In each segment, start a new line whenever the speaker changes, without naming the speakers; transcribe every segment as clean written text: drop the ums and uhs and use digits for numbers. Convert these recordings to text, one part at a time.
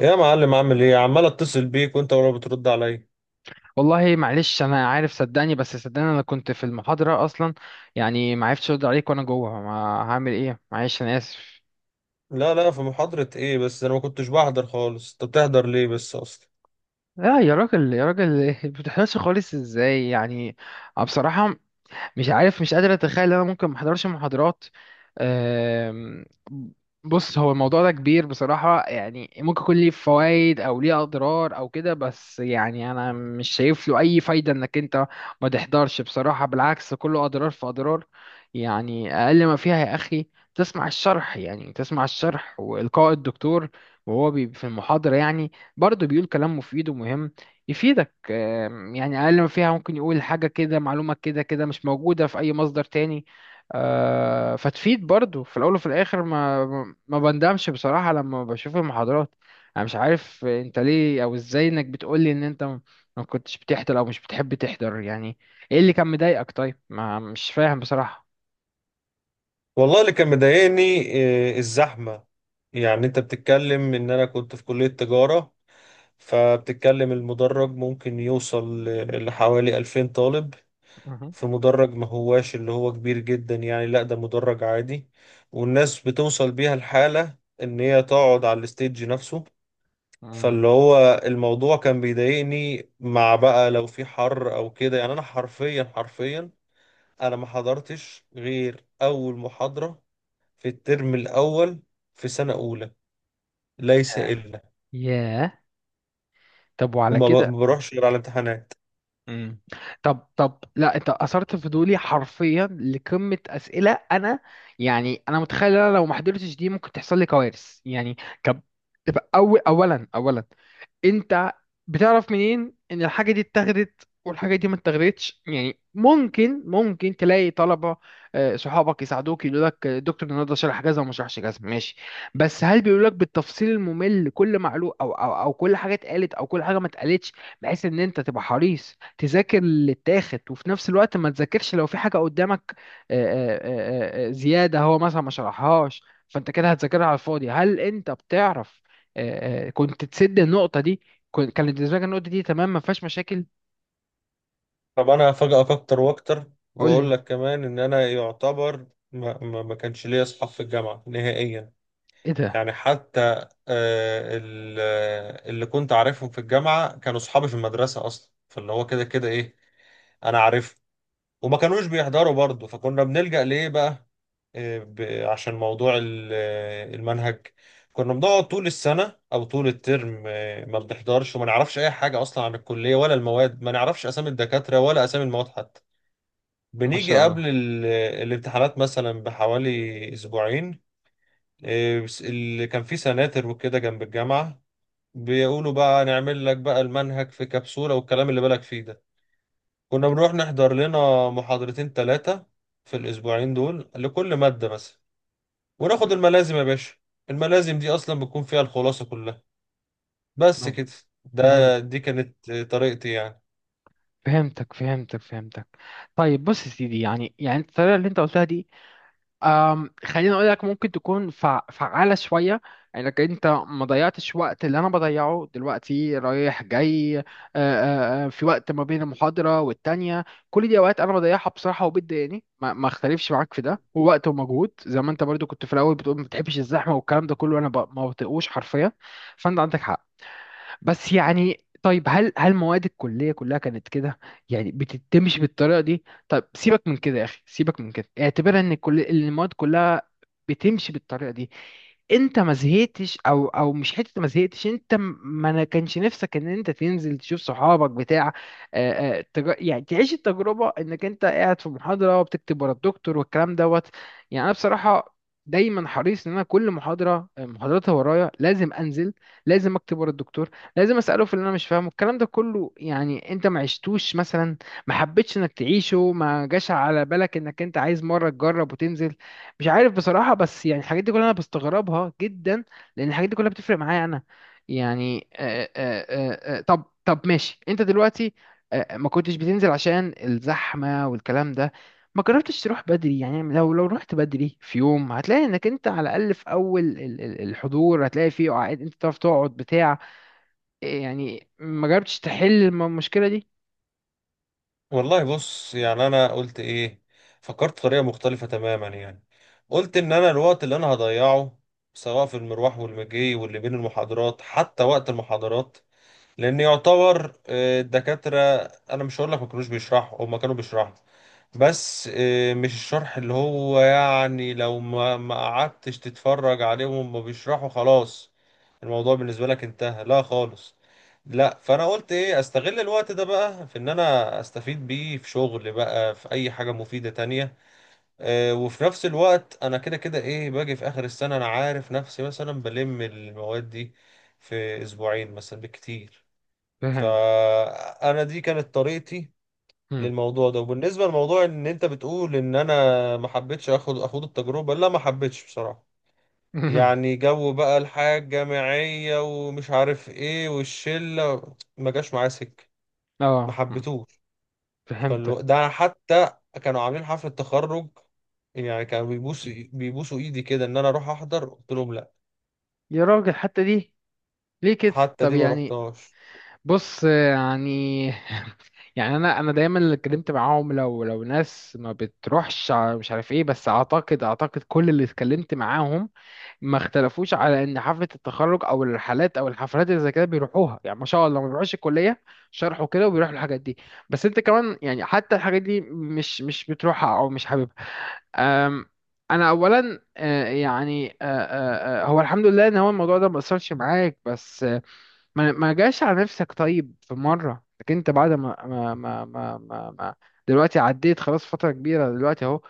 يا معلم عامل ايه؟ عمال اتصل بيك وانت ولا بترد عليا.
والله، معلش، انا عارف، صدقني بس صدقني انا كنت في المحاضره اصلا. يعني ما عرفتش ارد عليك وانا جوه. ما هعمل ايه؟ معلش، انا اسف.
لا لا، في محاضرة ايه؟ بس انا ما كنتش بحضر خالص، انت بتحضر ليه بس اصلا؟
لا يا راجل يا راجل ما بتحضرش خالص ازاي يعني؟ أنا بصراحه مش عارف، مش قادر اتخيل ان انا ممكن ما احضرش محاضرات. أم، بص، هو الموضوع ده كبير بصراحة، يعني ممكن يكون ليه فوائد او ليه اضرار او كده، بس يعني انا مش شايف له اي فايدة انك انت ما تحضرش بصراحة، بالعكس كله اضرار في اضرار. يعني اقل ما فيها يا اخي، تسمع الشرح، يعني تسمع الشرح والقاء الدكتور وهو بي في المحاضرة، يعني برضه بيقول كلام مفيد ومهم يفيدك. يعني اقل ما فيها ممكن يقول حاجه كده، معلومه كده كده مش موجوده في اي مصدر تاني. فتفيد برضو في الاول وفي الاخر، ما بندمش بصراحه لما بشوف المحاضرات. انا مش عارف انت ليه او ازاي انك بتقولي ان انت ما كنتش بتحضر او مش بتحب تحضر، يعني ايه اللي كان مضايقك؟ طيب، ما مش فاهم بصراحه.
والله اللي كان مضايقني إيه؟ الزحمة. يعني انت بتتكلم ان انا كنت في كلية تجارة، فبتتكلم المدرج ممكن يوصل لحوالي 2000 طالب.
مهم.
في مدرج ما هواش اللي هو كبير جدا، يعني لا ده مدرج عادي، والناس بتوصل بيها الحالة ان هي تقعد على الستيج نفسه.
مم.
فاللي هو الموضوع كان بيضايقني، مع بقى لو في حر او كده، يعني انا حرفيا حرفيا انا ما حضرتش غير اول محاضرة في الترم الاول في سنة اولى ليس الا.
ياه، طب وعلى
وما ب-
كده؟
ما بروحش غير على الامتحانات.
مم. طب، لا، انت اثرت فضولي حرفيا، لقمه اسئله انا، يعني انا متخيل ان انا لو ما حضرتش دي ممكن تحصل لي كوارث يعني. كب... تبقى أول اولا اولا، انت بتعرف منين ان الحاجه دي اتاخدت والحاجه دي ما اتاخدتش؟ يعني ممكن تلاقي طلبه، صحابك يساعدوك يقولوا لك، دكتور النهارده شرح كذا وما شرحش كذا، ماشي. بس هل بيقولوا لك بالتفصيل الممل كل معلومه او كل حاجه اتقالت او كل حاجه ما اتقالتش؟ بحيث ان انت تبقى حريص تذاكر اللي اتاخد، وفي نفس الوقت ما تذاكرش لو في حاجه قدامك، آه، زياده هو مثلا ما شرحهاش، فانت كده هتذاكرها على الفاضي. هل انت بتعرف كنت تسد النقطه دي؟ كانت بالنسبه لك النقطه دي تمام، ما فيهاش مشاكل.
طب انا هفاجئك اكتر واكتر
قول
واقول
لي.
لك كمان ان انا يعتبر ما كانش ليا اصحاب في الجامعة نهائيا.
ايه ده؟
يعني حتى اللي كنت عارفهم في الجامعة كانوا صحابي في المدرسة أصلا، فاللي هو كده كده إيه، أنا عارفهم. وما كانوش بيحضروا برضه، فكنا بنلجأ لإيه بقى؟ عشان موضوع المنهج، كنا بنقعد طول السنة أو طول الترم ما بنحضرش وما نعرفش أي حاجة أصلا عن الكلية ولا المواد، ما نعرفش أسامي الدكاترة ولا أسامي المواد حتى.
ما
بنيجي
شاء الله.
قبل الامتحانات مثلا بحوالي أسبوعين، إيه، بس اللي كان فيه سناتر وكده جنب الجامعة، بيقولوا بقى نعمل لك بقى المنهج في كبسولة والكلام اللي بالك فيه ده. كنا بنروح نحضر لنا محاضرتين ثلاثة في الأسبوعين دول لكل مادة مثلا، وناخد الملازم يا باشا. الملازم دي أصلا بتكون فيها الخلاصة كلها، بس كده.
فهمت.
دي كانت طريقتي يعني.
فهمتك، فهمتك، فهمتك. طيب بص يا سيدي، يعني الطريقه اللي انت قلتها دي، خليني اقول لك ممكن تكون فعالة شوية. انك انت ما ضيعتش وقت اللي انا بضيعه دلوقتي رايح جاي، في وقت ما بين المحاضرة والتانية، كل دي اوقات انا بضيعها بصراحة وبتضايقني، ما اختلفش معاك في ده. ووقت ومجهود زي ما انت برضو كنت في الاول بتقول ما بتحبش الزحمة والكلام ده كله، انا ما بطيقوش حرفيا. فانت عندك حق. بس يعني طيب، هل مواد الكلية كلها كانت كده؟ يعني بتتمشي بالطريقة دي. طب سيبك من كده يا أخي، سيبك من كده، اعتبرها إن كل المواد كلها بتمشي بالطريقة دي. انت ما زهقتش او مش حته ما زهقتش؟ انت ما انا كانش نفسك ان انت تنزل تشوف صحابك بتاع، يعني تعيش التجربه انك انت قاعد في محاضره وبتكتب ورا الدكتور والكلام دوت؟ يعني انا بصراحه دايما حريص ان انا كل محاضره، محاضراتها ورايا، لازم انزل، لازم اكتب ورا الدكتور، لازم اساله في اللي انا مش فاهمه، الكلام ده كله. يعني انت ما عشتوش مثلا؟ ما حبيتش انك تعيشه؟ ما جاش على بالك انك انت عايز مره تجرب وتنزل؟ مش عارف بصراحه، بس يعني الحاجات دي كلها انا بستغربها جدا، لان الحاجات دي كلها بتفرق معايا انا. يعني طب ماشي، انت دلوقتي ما كنتش بتنزل عشان الزحمه والكلام ده، ما جربتش تروح بدري؟ يعني لو رحت بدري في يوم هتلاقي انك انت على الاقل في اول ال- الحضور، هتلاقي فيه قعد، انت تعرف تقعد بتاع. يعني ما جربتش تحل المشكلة دي؟
والله بص، يعني انا قلت ايه؟ فكرت بطريقه مختلفه تماما يعني. قلت ان انا الوقت اللي انا هضيعه سواء في المروح والمجي واللي بين المحاضرات حتى وقت المحاضرات، لان يعتبر الدكاتره، انا مش هقول لك ما كانوش بيشرحوا، هم كانوا بيشرحوا، بس مش الشرح اللي هو يعني لو ما قعدتش تتفرج عليهم وما بيشرحوا خلاص الموضوع بالنسبة لك انتهى، لا خالص. لا، فانا قلت ايه؟ استغل الوقت ده بقى في ان انا استفيد بيه في شغل بقى، في اي حاجة مفيدة تانية. وفي نفس الوقت انا كده كده ايه، باجي في اخر السنة انا عارف نفسي مثلا بلم المواد دي في اسبوعين مثلا بالكتير.
فهمت.
فانا دي كانت طريقتي
مم.
للموضوع ده. وبالنسبة لموضوع ان انت بتقول ان انا ما حبيتش اخد التجربة، لا ما حبيتش بصراحة. يعني جو بقى الحياة الجامعية ومش عارف ايه، والشلة ما جاش معايا سكة، ما
اه، مم.
حبيتوش.
فهمتك.
ده حتى كانوا عاملين حفلة تخرج، يعني كانوا بيبوسوا ايدي كده ان انا اروح احضر، قلت لهم لا.
يا راجل حتى دي، ليه كده؟
حتى
طب
دي ما
يعني.
رحتهاش.
بص يعني. يعني انا دايما اللي اتكلمت معاهم، لو ناس ما بتروحش مش عارف ايه، بس اعتقد كل اللي اتكلمت معاهم ما اختلفوش على ان حفله التخرج او الرحلات او الحفلات اللي زي كده بيروحوها، يعني ما شاء الله ما بيروحوش الكليه، شرحوا كده وبيروحوا الحاجات دي. بس انت كمان يعني، حتى الحاجات دي مش بتروحها او مش حاببها؟ أم، انا اولا، يعني هو الحمد لله ان هو الموضوع ده ما اثرش معاك، بس ما جاش على نفسك طيب في مره؟ لكن انت بعد دلوقتي عديت خلاص فتره كبيره دلوقتي اهو.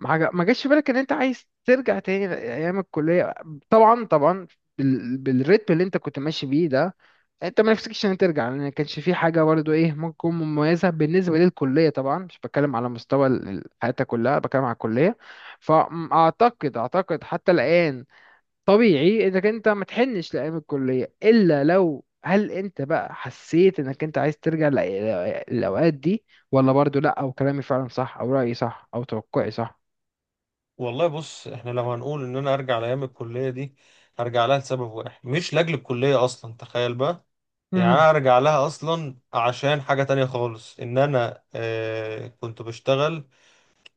ما جاش في بالك ان انت عايز ترجع تاني ايام الكليه؟ طبعا، طبعا. بالريتم اللي انت كنت ماشي بيه ده، انت ما نفسكش ان ترجع، لان ما كانش في حاجه برضه ايه ممكن تكون مميزه بالنسبه للكليه، طبعا مش بتكلم على مستوى ال- حياتك كلها، بتكلم على الكليه. فاعتقد حتى الان طبيعي انك انت ما تحنش لايام الكليه، الا لو، هل انت بقى حسيت انك انت عايز ترجع لأ- للاوقات دي؟ ولا برضه لا، او كلامي فعلا صح، او رايي صح، او توقعي صح؟
والله بص، احنا لو هنقول ان انا ارجع لايام الكلية دي، هرجع لها لسبب واحد مش لاجل الكلية اصلا، تخيل بقى. يعني
مم.
انا ارجع لها اصلا عشان حاجة تانية خالص، ان انا آه كنت بشتغل،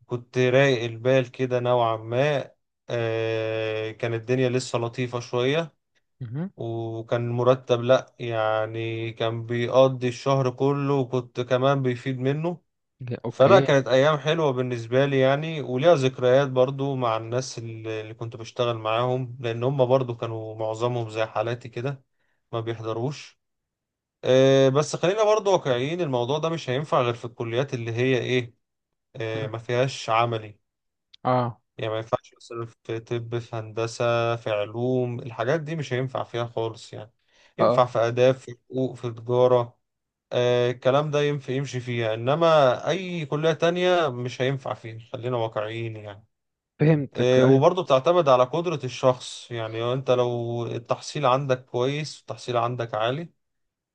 كنت رايق البال كده نوعا ما، آه كان الدنيا لسه لطيفة شوية،
مم.
وكان مرتب لا يعني كان بيقضي الشهر كله وكنت كمان بيفيد منه.
لا،
فلا
اوكي.
كانت ايام حلوة بالنسبة لي يعني، وليها ذكريات برضو مع الناس اللي كنت بشتغل معاهم، لان هم برضو كانوا معظمهم زي حالاتي كده، ما بيحضروش. بس خلينا برضو واقعيين، الموضوع ده مش هينفع غير في الكليات اللي هي ايه،
مم.
ما فيهاش عملي.
اه.
يعني ما ينفعش مثلا في طب، في هندسة، في علوم، الحاجات دي مش هينفع فيها خالص يعني. ينفع
اه،
في آداب، في حقوق، في تجارة، الكلام ده ينفع يمشي فيها، انما اي كلية تانية مش هينفع فيها، خلينا واقعيين يعني.
فهمتك. ايوه،
وبرضه بتعتمد على قدرة الشخص. يعني انت لو التحصيل عندك كويس والتحصيل عندك عالي،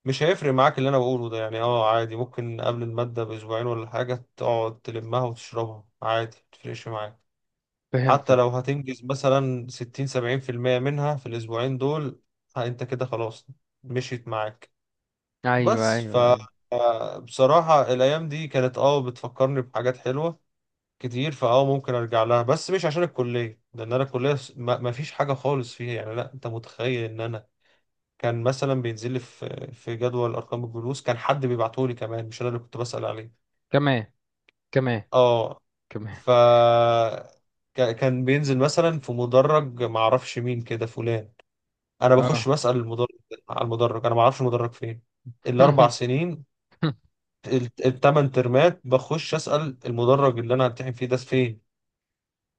مش هيفرق معاك اللي انا بقوله ده، يعني اه عادي، ممكن قبل المادة باسبوعين ولا حاجة تقعد تلمها وتشربها عادي، متفرقش معاك. حتى
فهمتك.
لو هتنجز مثلا 60 أو 70% منها في الاسبوعين دول، ها انت كده خلاص، مشيت معاك.
ايوه،
بس
ايوه،
ف
ايوه.
بصراحة الأيام دي كانت اه بتفكرني بحاجات حلوة كتير، فاه ممكن أرجع لها، بس مش عشان الكلية، لأن أنا الكلية ما فيش حاجة خالص فيها يعني. لا أنت متخيل إن أنا كان مثلا بينزل لي في جدول ارقام الجلوس كان حد بيبعته لي كمان، مش انا اللي كنت بسأل عليه.
كمان، كمان،
اه،
كمان.
ف كان بينزل مثلا في مدرج، ما اعرفش مين كده فلان، انا بخش
اه.
بسأل المدرج على المدرج، انا ما اعرفش المدرج فين. الاربع سنين، التمن ترمات بخش أسأل المدرج اللي انا همتحن فيه ده فين.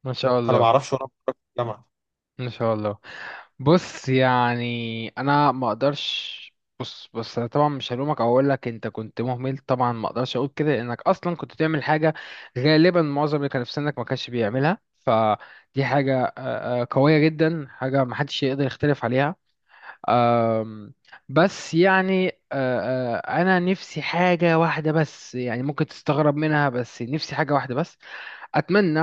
ما شاء
انا ما
الله،
اعرفش وانا بتخرج في الجامعة.
ما شاء الله. بص يعني انا ما اقدرش. بص، بص، انا طبعا مش هلومك او اقول لك انت كنت مهمل، طبعا ما اقدرش اقول كده لانك اصلا كنت بتعمل حاجه غالبا معظم اللي كان في سنك ما كانش بيعملها، فدي حاجه قويه جدا، حاجه ما حدش يقدر يختلف عليها. أم، بس يعني أه، أه، انا نفسي حاجة واحدة بس، يعني ممكن تستغرب منها، بس نفسي حاجة واحدة بس، اتمنى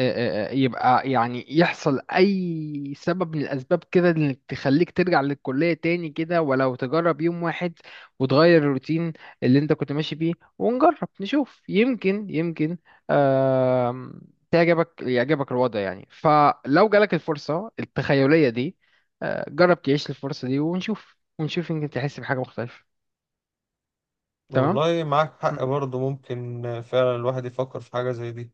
يبقى يعني يحصل اي سبب من الاسباب كده انك تخليك ترجع للكليه تاني كده، ولو تجرب يوم واحد وتغير الروتين اللي انت كنت ماشي بيه، ونجرب نشوف يمكن، آم، يعجبك الوضع. يعني فلو جالك الفرصه التخيليه دي، جرب تعيش الفرصه دي، ونشوف، يمكن تحس بحاجه مختلفه. تمام.
والله معاك حق برضه، ممكن فعلا الواحد يفكر في حاجة زي دي.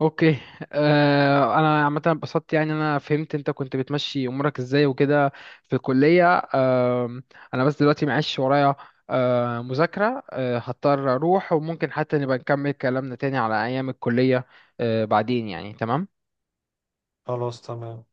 اوكي. انا عامه انبسطت، يعني انا فهمت انت كنت بتمشي امورك ازاي وكده في الكليه. آه انا بس دلوقتي معيش ورايا مذاكره، هضطر اروح. وممكن حتى نبقى نكمل كلامنا تاني على ايام الكليه بعدين، يعني. تمام.
خلاص تمام.